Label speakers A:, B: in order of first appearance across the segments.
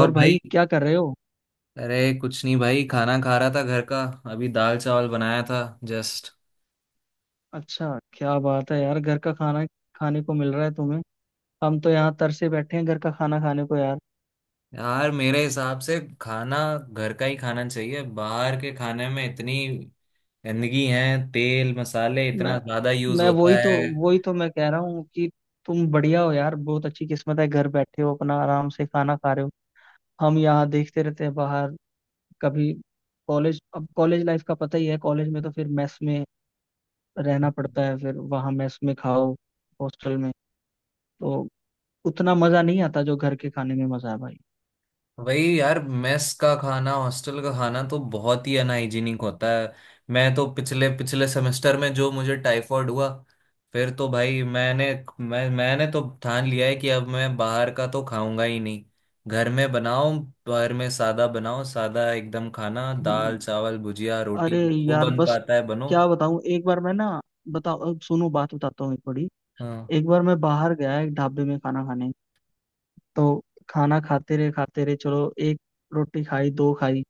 A: और
B: भाई।
A: भाई क्या कर रहे हो?
B: अरे कुछ नहीं भाई, खाना खा रहा था घर का। अभी दाल चावल बनाया था। जस्ट।
A: अच्छा, क्या बात है यार, घर का खाना खाने को मिल रहा है तुम्हें? हम तो यहाँ तरसे बैठे हैं घर का खाना खाने को यार।
B: यार मेरे हिसाब से खाना घर का ही खाना चाहिए। बाहर के खाने में इतनी गंदगी है, तेल मसाले इतना
A: मैं
B: ज्यादा यूज
A: मैं वही
B: होता
A: तो,
B: है।
A: मैं कह रहा हूँ कि तुम बढ़िया हो यार, बहुत अच्छी किस्मत है, घर बैठे हो अपना आराम से खाना खा रहे हो। हम यहाँ देखते रहते हैं बाहर, कभी कॉलेज। अब कॉलेज लाइफ का पता ही है, कॉलेज में तो फिर मेस में रहना पड़ता है, फिर वहाँ मेस में खाओ, हॉस्टल में, तो उतना मजा नहीं आता जो घर के खाने में मजा है भाई।
B: वही यार, मेस का खाना, हॉस्टल का खाना तो बहुत ही अनहाइजीनिक होता है। मैं तो पिछले पिछले सेमेस्टर में जो मुझे टाइफॉइड हुआ, फिर तो भाई मैंने, मैंने तो ठान लिया है कि अब मैं बाहर का तो खाऊंगा ही नहीं। घर में बनाओ, घर में सादा बनाओ, सादा एकदम खाना, दाल
A: हम्म।
B: चावल भुजिया
A: अरे
B: रोटी जो
A: यार
B: बन
A: बस
B: पाता है बनो।
A: क्या बताऊं, एक बार मैं ना, बताओ अब सुनो बात बताता हूँ एक बड़ी।
B: हाँ।
A: एक बार मैं बाहर गया एक ढाबे में खाना खाने, तो खाना खाते रहे खाते रहे, चलो एक रोटी खाई दो खाई,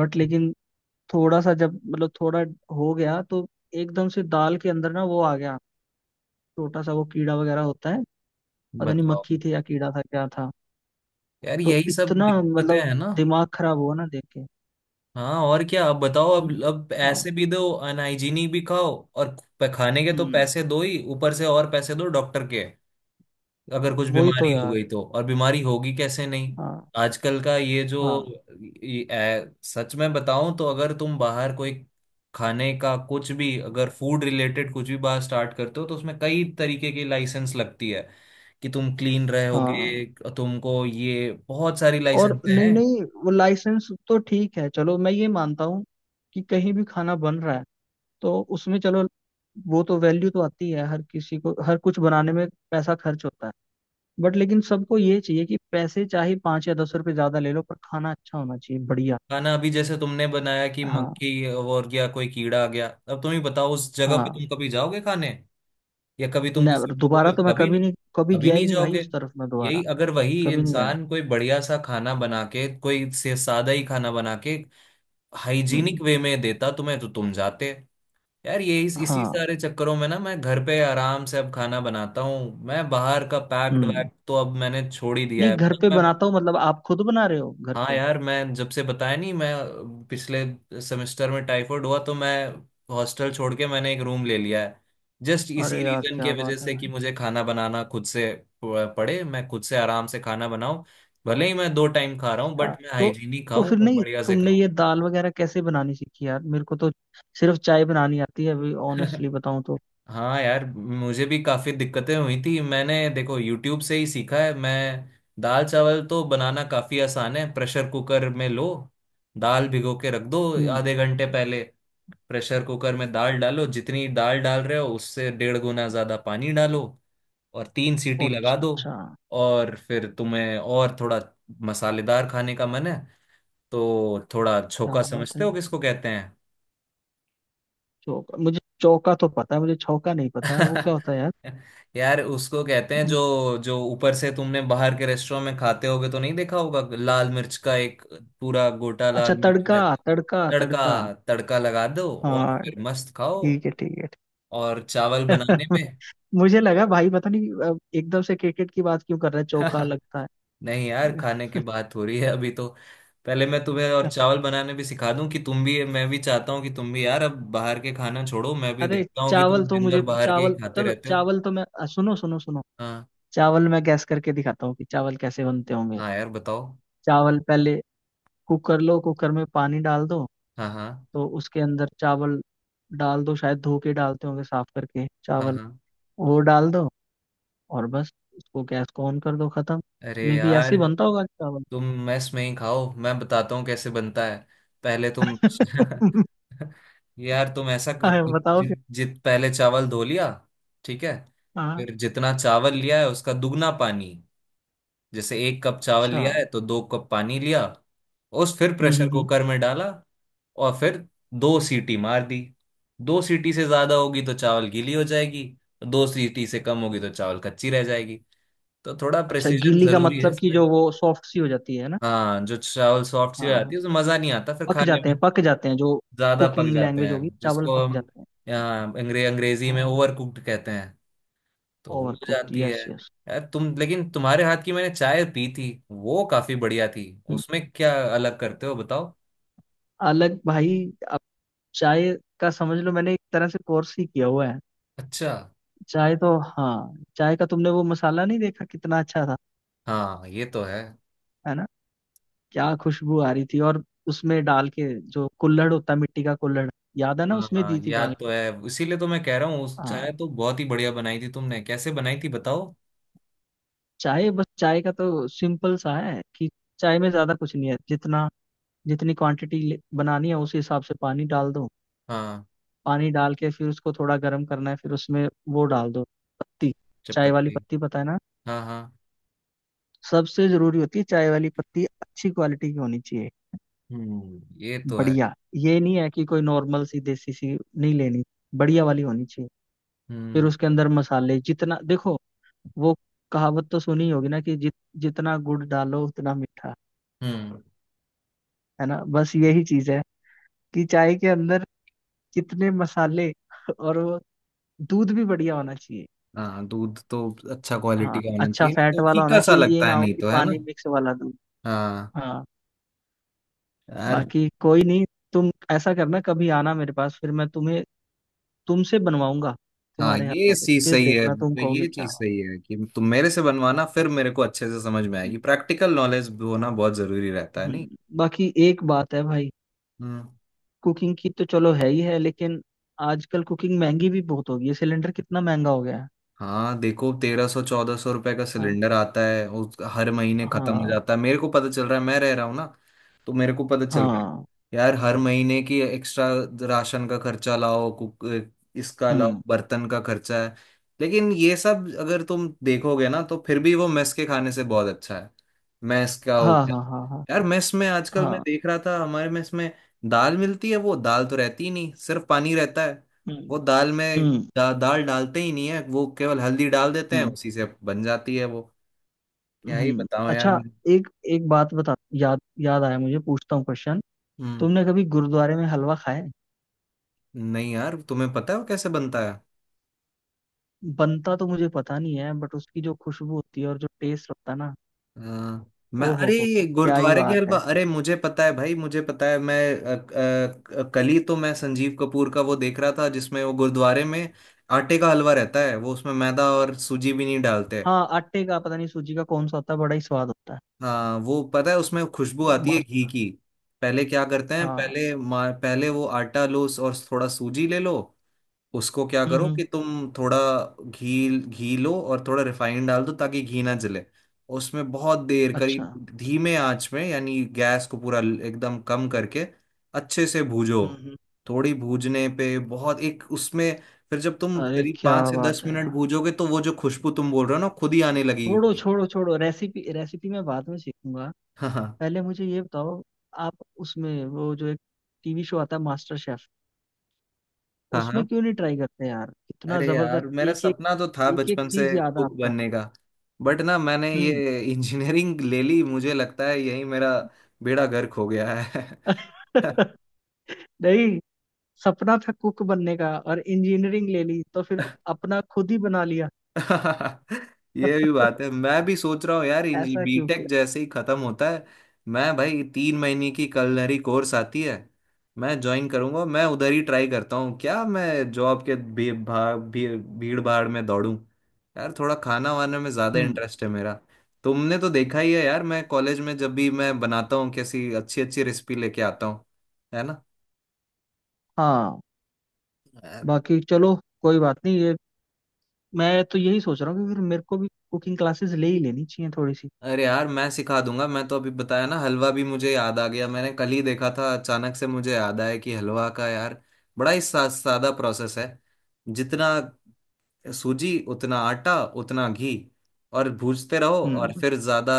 A: बट लेकिन थोड़ा सा जब मतलब थोड़ा हो गया तो एकदम से दाल के अंदर ना वो आ गया, छोटा सा वो कीड़ा वगैरह होता है, पता नहीं
B: बताओ,
A: मक्खी थी या कीड़ा था क्या था।
B: यार
A: तो
B: यही सब
A: इतना
B: दिक्कतें
A: मतलब
B: हैं ना।
A: दिमाग खराब हुआ ना देख के।
B: हाँ, और क्या, अब बताओ, अब
A: हम्म।
B: अब
A: हाँ।
B: ऐसे भी दो अनहाइजीनिक भी खाओ। और प- खाने के तो
A: हम्म।
B: पैसे दो ही, ऊपर से और पैसे दो डॉक्टर के। अगर कुछ
A: वही तो
B: बीमारी हो
A: यार।
B: गई तो, और बीमारी होगी कैसे नहीं।
A: हाँ।
B: आजकल का ये जो
A: हाँ।
B: सच में बताऊं तो, अगर तुम बाहर कोई खाने का कुछ भी, अगर फूड रिलेटेड कुछ भी बात स्टार्ट करते हो, तो उसमें कई तरीके की लाइसेंस लगती है कि तुम क्लीन रहोगे।
A: हाँ।
B: तुमको ये बहुत सारी लाइसेंस
A: और नहीं
B: हैं।
A: नहीं, वो लाइसेंस तो ठीक है, चलो मैं ये मानता हूँ कि कहीं भी खाना बन रहा है तो उसमें चलो, वो तो वैल्यू तो आती है, हर किसी को हर कुछ बनाने में पैसा खर्च होता है, बट लेकिन सबको ये चाहिए कि पैसे चाहे पाँच या दस रुपए ज्यादा ले लो, पर खाना अच्छा होना चाहिए, बढ़िया।
B: खाना अभी जैसे तुमने बनाया कि
A: हाँ।
B: मक्खी और या कोई कीड़ा आ गया, अब तुम ही बताओ, उस जगह पे
A: हाँ।
B: तुम कभी जाओगे खाने, या कभी तुम किसी
A: नेवर,
B: को
A: दोबारा
B: बोले?
A: तो मैं
B: कभी
A: कभी
B: नहीं।
A: नहीं, कभी
B: कभी
A: गया ही
B: नहीं
A: नहीं भाई
B: जाओगे।
A: उस तरफ, मैं दोबारा
B: यही अगर वही
A: कभी नहीं गया।
B: इंसान कोई बढ़िया सा खाना बना के, कोई से सादा ही खाना बना के,
A: हम्म।
B: हाइजीनिक वे में देता तुम्हें, तो तुम जाते। यार ये इसी
A: हाँ।
B: सारे चक्करों में ना, मैं घर पे आराम से अब खाना बनाता हूँ। मैं बाहर का पैक्ड
A: हम्म।
B: वैक्ड तो अब मैंने छोड़ ही दिया
A: नहीं
B: है।
A: घर पे
B: मतलब मैं।
A: बनाता हूँ, मतलब आप खुद बना रहे हो घर
B: हाँ
A: पे?
B: यार, मैं जब से बताया नहीं, मैं पिछले सेमेस्टर में टाइफाइड हुआ, तो मैं हॉस्टल छोड़ के मैंने एक रूम ले लिया है। जस्ट इसी
A: अरे यार
B: रीजन के
A: क्या
B: वजह
A: बात है।
B: से, कि मुझे खाना बनाना खुद से प- पड़े, मैं खुद से आराम से खाना बनाऊं। भले ही मैं 2 टाइम खा रहा हूँ,
A: अच्छा,
B: बट मैं
A: तो
B: हाइजीनिक
A: तो
B: खाऊं
A: फिर
B: और
A: नहीं
B: बढ़िया से
A: तुमने
B: खाऊं।
A: ये दाल वगैरह कैसे बनानी सीखी यार, मेरे को तो सिर्फ चाय बनानी आती है, अभी ऑनेस्टली बताऊं तो।
B: हाँ यार, मुझे भी काफी दिक्कतें हुई थी। मैंने देखो यूट्यूब से ही सीखा है मैं। दाल चावल तो बनाना काफी आसान है। प्रेशर कुकर में लो, दाल भिगो के रख दो
A: हम्म।
B: आधे घंटे पहले। प्रेशर कुकर में दाल डालो, जितनी दाल डाल रहे हो उससे 1.5 गुना ज्यादा पानी डालो, और 3 सीटी
A: अच्छा
B: लगा दो।
A: अच्छा।
B: और फिर तुम्हें और थोड़ा मसालेदार खाने का मन है तो थोड़ा
A: क्या
B: छोका,
A: बात है,
B: समझते हो किसको कहते हैं?
A: चौका? मुझे चौका तो पता है, मुझे छौका नहीं पता है वो क्या होता है यार।
B: यार उसको कहते हैं, जो जो ऊपर से तुमने बाहर के रेस्टोरेंट में खाते होगे तो नहीं देखा होगा, लाल मिर्च का एक पूरा गोटा
A: अच्छा,
B: लाल मिर्च
A: तड़का!
B: रहता है।
A: तड़का तड़का।
B: तड़का तड़का लगा दो और
A: हाँ,
B: फिर मस्त खाओ।
A: ठीक है ठीक है।
B: और चावल
A: ठीक
B: बनाने
A: है।
B: में,
A: मुझे लगा भाई पता नहीं, एकदम से क्रिकेट की बात क्यों कर रहा है, चौका लगता है।
B: नहीं यार,
A: लगा।
B: खाने की बात हो रही है अभी तो। पहले मैं तुम्हें और चावल बनाने भी सिखा दूं, कि तुम भी, मैं भी चाहता हूँ कि तुम भी यार अब बाहर के खाना छोड़ो। मैं भी
A: अरे
B: देखता हूँ कि
A: चावल
B: तुम
A: तो,
B: दिन भर
A: मुझे
B: बाहर के ही
A: चावल,
B: खाते
A: चलो
B: रहते हो।
A: चावल तो मैं, सुनो सुनो सुनो।
B: हाँ
A: चावल मैं गैस करके दिखाता हूँ कि चावल कैसे बनते होंगे।
B: हाँ। यार बताओ।
A: चावल, पहले कुकर लो, कुकर में पानी डाल दो,
B: हाँ हाँ
A: तो उसके अंदर चावल डाल दो, शायद धो के डालते होंगे, साफ करके
B: हाँ
A: चावल
B: हाँ।
A: वो डाल दो। और बस उसको, गैस को ऑन कर दो, खत्म।
B: अरे
A: मे बी ऐसे
B: यार
A: ही बनता होगा चावल।
B: तुम मेस में ही खाओ, मैं बताता हूँ कैसे बनता है। पहले तुम, यार तुम ऐसा कर-
A: हाँ,
B: जि,
A: बताओ फिर।
B: जि, जित पहले चावल धो लिया। ठीक है।
A: हाँ।
B: फिर जितना चावल लिया है उसका दुगना पानी, जैसे 1 कप चावल
A: अच्छा।
B: लिया है तो 2 कप पानी लिया। उस फिर
A: हम्म
B: प्रेशर
A: हम्म हम्म।
B: कुकर में डाला, और फिर 2 सीटी मार दी। दो सीटी से ज्यादा होगी तो चावल गीली हो जाएगी, 2 सीटी से कम होगी तो चावल कच्ची रह जाएगी, तो थोड़ा
A: अच्छा,
B: प्रिसीजन
A: गीली का
B: जरूरी है।
A: मतलब कि जो वो सॉफ्ट सी हो जाती है ना?
B: हाँ जो चावल सॉफ्ट सी हो
A: हाँ,
B: जाती है उसमें मजा नहीं आता फिर
A: पक
B: खाने
A: जाते
B: में,
A: हैं, पक जाते हैं जो
B: ज्यादा पक
A: कुकिंग
B: जाते
A: लैंग्वेज होगी,
B: हैं
A: चावल
B: जिसको
A: पक
B: हम
A: जाते हैं।
B: यहाँ अंग्रेजी में
A: हाँ।
B: ओवर कुक्ड कहते हैं, तो हो
A: ओवर कुक्ड,
B: जाती है।
A: Yes yes.
B: यार तुम, लेकिन तुम्हारे हाथ की मैंने चाय पी थी, वो काफी बढ़िया थी। उसमें क्या अलग करते हो बताओ।
A: अलग भाई, अब चाय का समझ लो मैंने एक तरह से कोर्स ही किया हुआ है।
B: अच्छा।
A: चाय तो, हाँ, चाय का तुमने वो मसाला नहीं देखा कितना अच्छा था,
B: हाँ ये तो है।
A: है ना? क्या खुशबू आ रही थी, और उसमें डाल के जो कुल्हड़ होता है, मिट्टी का कुल्हड़, याद है ना, उसमें
B: हाँ
A: दी थी
B: याद
A: डाल
B: तो
A: के।
B: है, इसीलिए तो मैं कह रहा हूँ उस चाय
A: हाँ।
B: तो बहुत ही बढ़िया बनाई थी तुमने, कैसे बनाई थी बताओ।
A: चाय, बस चाय का तो सिंपल सा है कि चाय में ज्यादा कुछ नहीं है, जितना जितनी क्वांटिटी बनानी है उस हिसाब से पानी डाल दो,
B: हाँ।
A: पानी डाल के फिर उसको थोड़ा गर्म करना है, फिर उसमें वो डाल दो, पत्ती। चाय वाली
B: चपत्ती।
A: पत्ती, पता है ना?
B: हाँ हाँ।
A: सबसे जरूरी होती है चाय वाली पत्ती, अच्छी क्वालिटी की होनी चाहिए,
B: हम्म, ये तो है।
A: बढ़िया। ये नहीं है कि कोई नॉर्मल सी, देसी सी नहीं लेनी, बढ़िया वाली होनी चाहिए। फिर
B: हम्म।
A: उसके अंदर मसाले जितना देखो, वो कहावत तो सुनी होगी ना कि जितना गुड़ डालो उतना मीठा,
B: हम्म।
A: है ना? बस यही चीज है कि चाय के अंदर कितने मसाले, और वो दूध भी बढ़िया होना चाहिए।
B: हाँ दूध तो अच्छा क्वालिटी
A: हाँ,
B: का होना
A: अच्छा
B: चाहिए,
A: फैट
B: नहीं तो
A: वाला
B: फीका
A: होना
B: सा
A: चाहिए, ये
B: लगता
A: ना
B: है,
A: हो
B: नहीं
A: कि
B: तो, है ना।
A: पानी मिक्स वाला दूध।
B: हाँ
A: हाँ।
B: यार।
A: बाकी कोई नहीं, तुम ऐसा करना कभी आना मेरे पास, फिर मैं तुम्हें, तुमसे बनवाऊंगा
B: हाँ
A: तुम्हारे
B: ये
A: हाथों से,
B: चीज
A: फिर
B: सही है,
A: देखना तुम
B: मतलब ये
A: कहोगे क्या
B: चीज
A: बात
B: सही है कि तुम मेरे से बनवाना, फिर मेरे को अच्छे से समझ में
A: है।
B: आएगी। प्रैक्टिकल नॉलेज होना बहुत जरूरी रहता है, नहीं।
A: हम्म। बाकी एक बात है भाई,
B: हम्म।
A: कुकिंग की तो चलो है ही है, लेकिन आजकल कुकिंग महंगी भी बहुत हो गई है, सिलेंडर कितना महंगा हो गया है।
B: हाँ देखो 1300 ₹1400 का
A: हाँ।
B: सिलेंडर आता है, उस हर महीने खत्म हो
A: हाँ।
B: जाता है। मेरे को पता चल रहा है, मैं रह रहा हूँ ना, तो मेरे को पता चल रहा है।
A: हाँ।
B: यार हर महीने की एक्स्ट्रा राशन का खर्चा, लाओ कुक, इसका लाओ
A: हम्म।
B: बर्तन का खर्चा है। लेकिन ये सब अगर तुम देखोगे ना, तो फिर भी वो मेस के खाने से बहुत अच्छा है। मेस का हो
A: हाँ
B: गया।
A: हाँ हाँ हाँ।
B: यार मेस में आजकल मैं
A: हाँ।
B: देख रहा था हमारे मेस में, दाल मिलती है वो दाल तो रहती ही नहीं, सिर्फ पानी रहता है।
A: हम्म।
B: वो दाल में
A: हम्म।
B: दाल डालते ही नहीं है, वो केवल हल्दी डाल देते हैं,
A: हम्म।
B: उसी से बन जाती है वो। क्या ही
A: हम्म।
B: बताओ यार
A: अच्छा,
B: मैं।
A: एक, एक बात बता, याद याद आया, मुझे, पूछता हूँ क्वेश्चन।
B: हम्म।
A: तुमने कभी गुरुद्वारे में हलवा खाया है?
B: नहीं यार, तुम्हें पता है वो कैसे बनता है?
A: बनता तो मुझे पता नहीं है, बट उसकी जो खुशबू होती है और जो टेस्ट होता है ना।
B: हाँ, मैं,
A: ओहो हो,
B: अरे
A: क्या ही
B: गुरुद्वारे के
A: बात
B: हलवा,
A: है।
B: अरे मुझे पता है भाई, मुझे पता है मैं। अ, कल ही तो मैं संजीव कपूर का वो देख रहा था, जिसमें वो गुरुद्वारे में आटे का हलवा रहता है, वो उसमें मैदा और सूजी भी नहीं डालते।
A: हाँ, आटे का पता नहीं, सूजी का कौन सा होता है, बड़ा ही स्वाद होता है।
B: हाँ वो पता है, उसमें खुशबू
A: हाँ,
B: आती है घी
A: मस्त।
B: की। पहले क्या करते हैं,
A: हाँ।
B: पहले मा- पहले वो आटा लो और थोड़ा सूजी ले लो। उसको क्या करो
A: हम्म।
B: कि तुम थोड़ा घी घी लो, और थोड़ा रिफाइंड डाल दो ताकि घी ना जले। उसमें बहुत देर करीब
A: अच्छा।
B: धीमे आंच में, यानी गैस को पूरा ल- एकदम कम करके अच्छे से भूजो।
A: हम्म।
B: थोड़ी भूजने पे बहुत एक उसमें, फिर जब तुम
A: अरे
B: करीब
A: क्या
B: पाँच से दस
A: बात है
B: मिनट
A: यार,
B: भूजोगे, तो वो जो खुशबू तुम बोल रहे हो ना, खुद ही आने
A: छोड़ो
B: लगेगी।
A: छोड़ो छोड़ो, रेसिपी रेसिपी मैं बाद में सीखूंगा।
B: हाँ।
A: पहले मुझे ये बताओ, आप उसमें वो, जो एक टीवी शो आता है, मास्टर शेफ,
B: हाँ। हाँ।
A: उसमें क्यों नहीं ट्राई करते यार? कितना
B: अरे यार
A: जबरदस्त,
B: मेरा
A: एक एक,
B: सपना तो था
A: एक एक
B: बचपन से
A: चीज याद है
B: कुक
A: आपको?
B: बनने का, बट ना मैंने
A: हम्म।
B: ये इंजीनियरिंग ले ली, मुझे लगता है यही मेरा बेड़ा गर्क हो गया है।
A: नहीं, सपना था कुक बनने का और इंजीनियरिंग ले ली, तो फिर अपना खुद ही बना लिया।
B: ये भी बात है। मैं भी सोच रहा हूँ यार, इंजी
A: ऐसा क्यों?
B: बीटेक जैसे ही खत्म होता है, मैं भाई 3 महीने की कलनरी कोर्स आती है, मैं ज्वाइन करूंगा। मैं उधर ही ट्राई करता हूँ, क्या मैं जॉब के भीड़ भाड़ में दौड़ूं। यार थोड़ा खाना वाना में ज्यादा
A: हम्म।
B: इंटरेस्ट है मेरा। तुमने तो देखा ही है यार, मैं कॉलेज में जब भी मैं बनाता हूँ, कैसी अच्छी अच्छी रेसिपी लेके आता हूँ। है
A: हाँ।
B: ना।
A: बाकी चलो, कोई बात नहीं ये, मैं तो यही सोच रहा हूँ कि फिर मेरे को भी कुकिंग क्लासेस ले ही लेनी चाहिए थोड़ी सी।
B: अरे यार मैं सिखा दूंगा। मैं तो अभी बताया ना, हलवा भी मुझे याद आ गया, मैंने कल ही देखा था, अचानक से मुझे याद आया कि हलवा का यार बड़ा ही सादा प्रोसेस है। जितना सूजी उतना आटा, उतना घी, और भूजते रहो, और
A: हम्म।
B: फिर ज्यादा,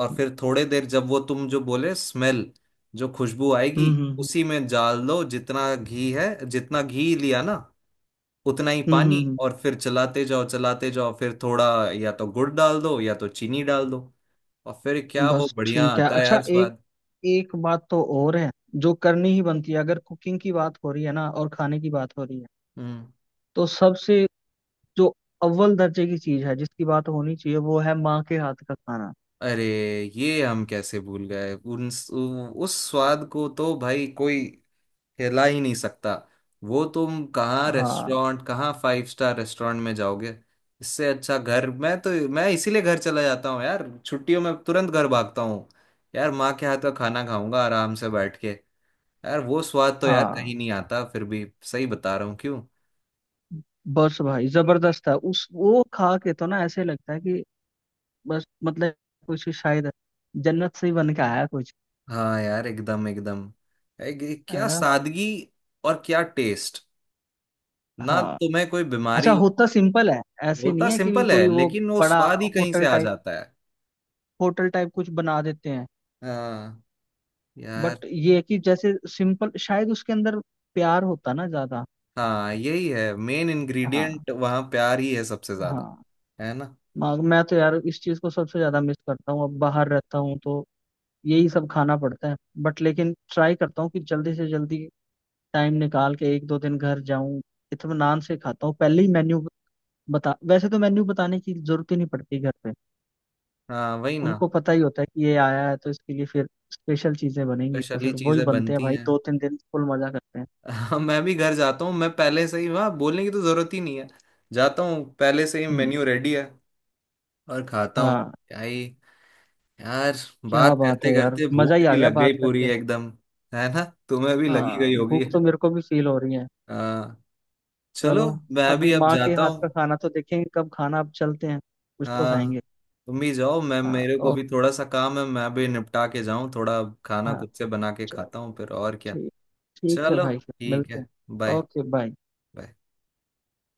B: और फिर थोड़े देर जब वो तुम जो बोले स्मेल, जो खुशबू आएगी,
A: हम्म।
B: उसी में डाल दो जितना घी है, जितना घी लिया ना उतना ही
A: हम्म,
B: पानी,
A: हम्म,
B: और फिर चलाते जाओ चलाते जाओ, फिर थोड़ा या तो गुड़ डाल दो या तो चीनी डाल दो, और फिर
A: हम्म।
B: क्या वो
A: बस,
B: बढ़िया
A: ठीक है।
B: आता है
A: अच्छा,
B: यार
A: एक,
B: स्वाद।
A: एक बात तो और है जो करनी ही बनती है अगर कुकिंग की बात हो रही है ना और खाने की बात हो रही है,
B: हम्म।
A: तो सबसे जो अव्वल दर्जे की चीज है जिसकी बात होनी चाहिए, वो है माँ के हाथ का खाना।
B: अरे ये हम कैसे भूल गए उन, उस स्वाद को तो भाई कोई हिला ही नहीं सकता। वो तुम कहाँ
A: हाँ।
B: रेस्टोरेंट, कहाँ फाइव स्टार रेस्टोरेंट में जाओगे। इससे अच्छा घर, मैं तो मैं इसीलिए घर चला जाता हूँ यार, छुट्टियों में तुरंत घर भागता हूँ। यार माँ के हाथ का खाना खाऊंगा आराम से बैठ के, यार वो स्वाद तो यार
A: हाँ।
B: कहीं नहीं आता फिर भी। सही बता रहा हूँ क्यों।
A: बस भाई, जबरदस्त है, उस वो खा के तो ना ऐसे लगता है कि बस मतलब कुछ शायद जन्नत से ही बन के आया कुछ।
B: हाँ यार एकदम, एकदम
A: है
B: क्या
A: ना?
B: सादगी, और क्या टेस्ट। ना
A: हाँ।
B: तुम्हें कोई
A: अच्छा,
B: बीमारी हो-
A: होता सिंपल है, ऐसे नहीं
B: होता
A: है कि भी
B: सिंपल है,
A: कोई वो
B: लेकिन वो
A: बड़ा
B: स्वाद ही कहीं से
A: होटल
B: आ
A: टाइप,
B: जाता है।
A: होटल टाइप कुछ बना देते हैं,
B: हाँ यार।
A: बट ये है कि जैसे सिंपल, शायद उसके अंदर प्यार होता ना ज्यादा।
B: हाँ यही है, मेन
A: हाँ।
B: इंग्रेडिएंट वहाँ प्यार ही है सबसे ज्यादा।
A: हाँ।
B: है ना।
A: मैं तो यार इस चीज को सबसे ज्यादा मिस करता हूँ, अब बाहर रहता हूँ तो यही सब खाना पड़ता है, बट लेकिन ट्राई करता हूँ कि जल्दी से जल्दी टाइम निकाल के एक दो दिन घर जाऊं, इत्मीनान से खाता हूँ। पहले ही मेन्यू बता, वैसे तो मेन्यू बताने की जरूरत ही नहीं पड़ती घर पे,
B: हाँ वही ना।
A: उनको पता ही होता है कि ये आया है तो इसके लिए फिर स्पेशल चीजें बनेंगी, तो
B: स्पेशली
A: फिर वही
B: चीजें
A: बनते हैं
B: बनती
A: भाई,
B: हैं।
A: दो तीन दिन फुल मजा करते हैं।
B: हाँ मैं भी घर जाता हूँ, मैं पहले से ही वहाँ बोलने की तो जरूरत ही नहीं है। जाता हूँ पहले से ही
A: हम्म।
B: मेन्यू रेडी है, और खाता हूँ।
A: हाँ।
B: क्या ही यार।
A: क्या
B: बात
A: बात
B: करते
A: है यार,
B: करते
A: मजा
B: भूख
A: ही आ
B: भी
A: गया
B: लग गई
A: बात
B: पूरी
A: करके।
B: एकदम, है ना, तुम्हें भी लगी
A: हाँ,
B: गई होगी।
A: भूख तो मेरे को भी फील हो रही है।
B: हाँ।
A: चलो,
B: चलो। मैं
A: अभी
B: भी अब
A: माँ के
B: जाता
A: हाथ का
B: हूँ।
A: खाना तो देखेंगे कब खाना, अब चलते हैं कुछ तो
B: हाँ
A: खाएंगे।
B: तुम भी जाओ, मैं,
A: हाँ।
B: मेरे को
A: और
B: भी थोड़ा सा काम है, मैं भी निपटा के जाऊँ, थोड़ा खाना
A: हाँ,
B: खुद से बना के
A: चल,
B: खाता हूँ फिर, और क्या।
A: ठीक, ठीक है
B: चलो।
A: भाई, फिर
B: ठीक
A: मिलते
B: है,
A: हैं,
B: बाय।
A: Okay bye.
B: बाय।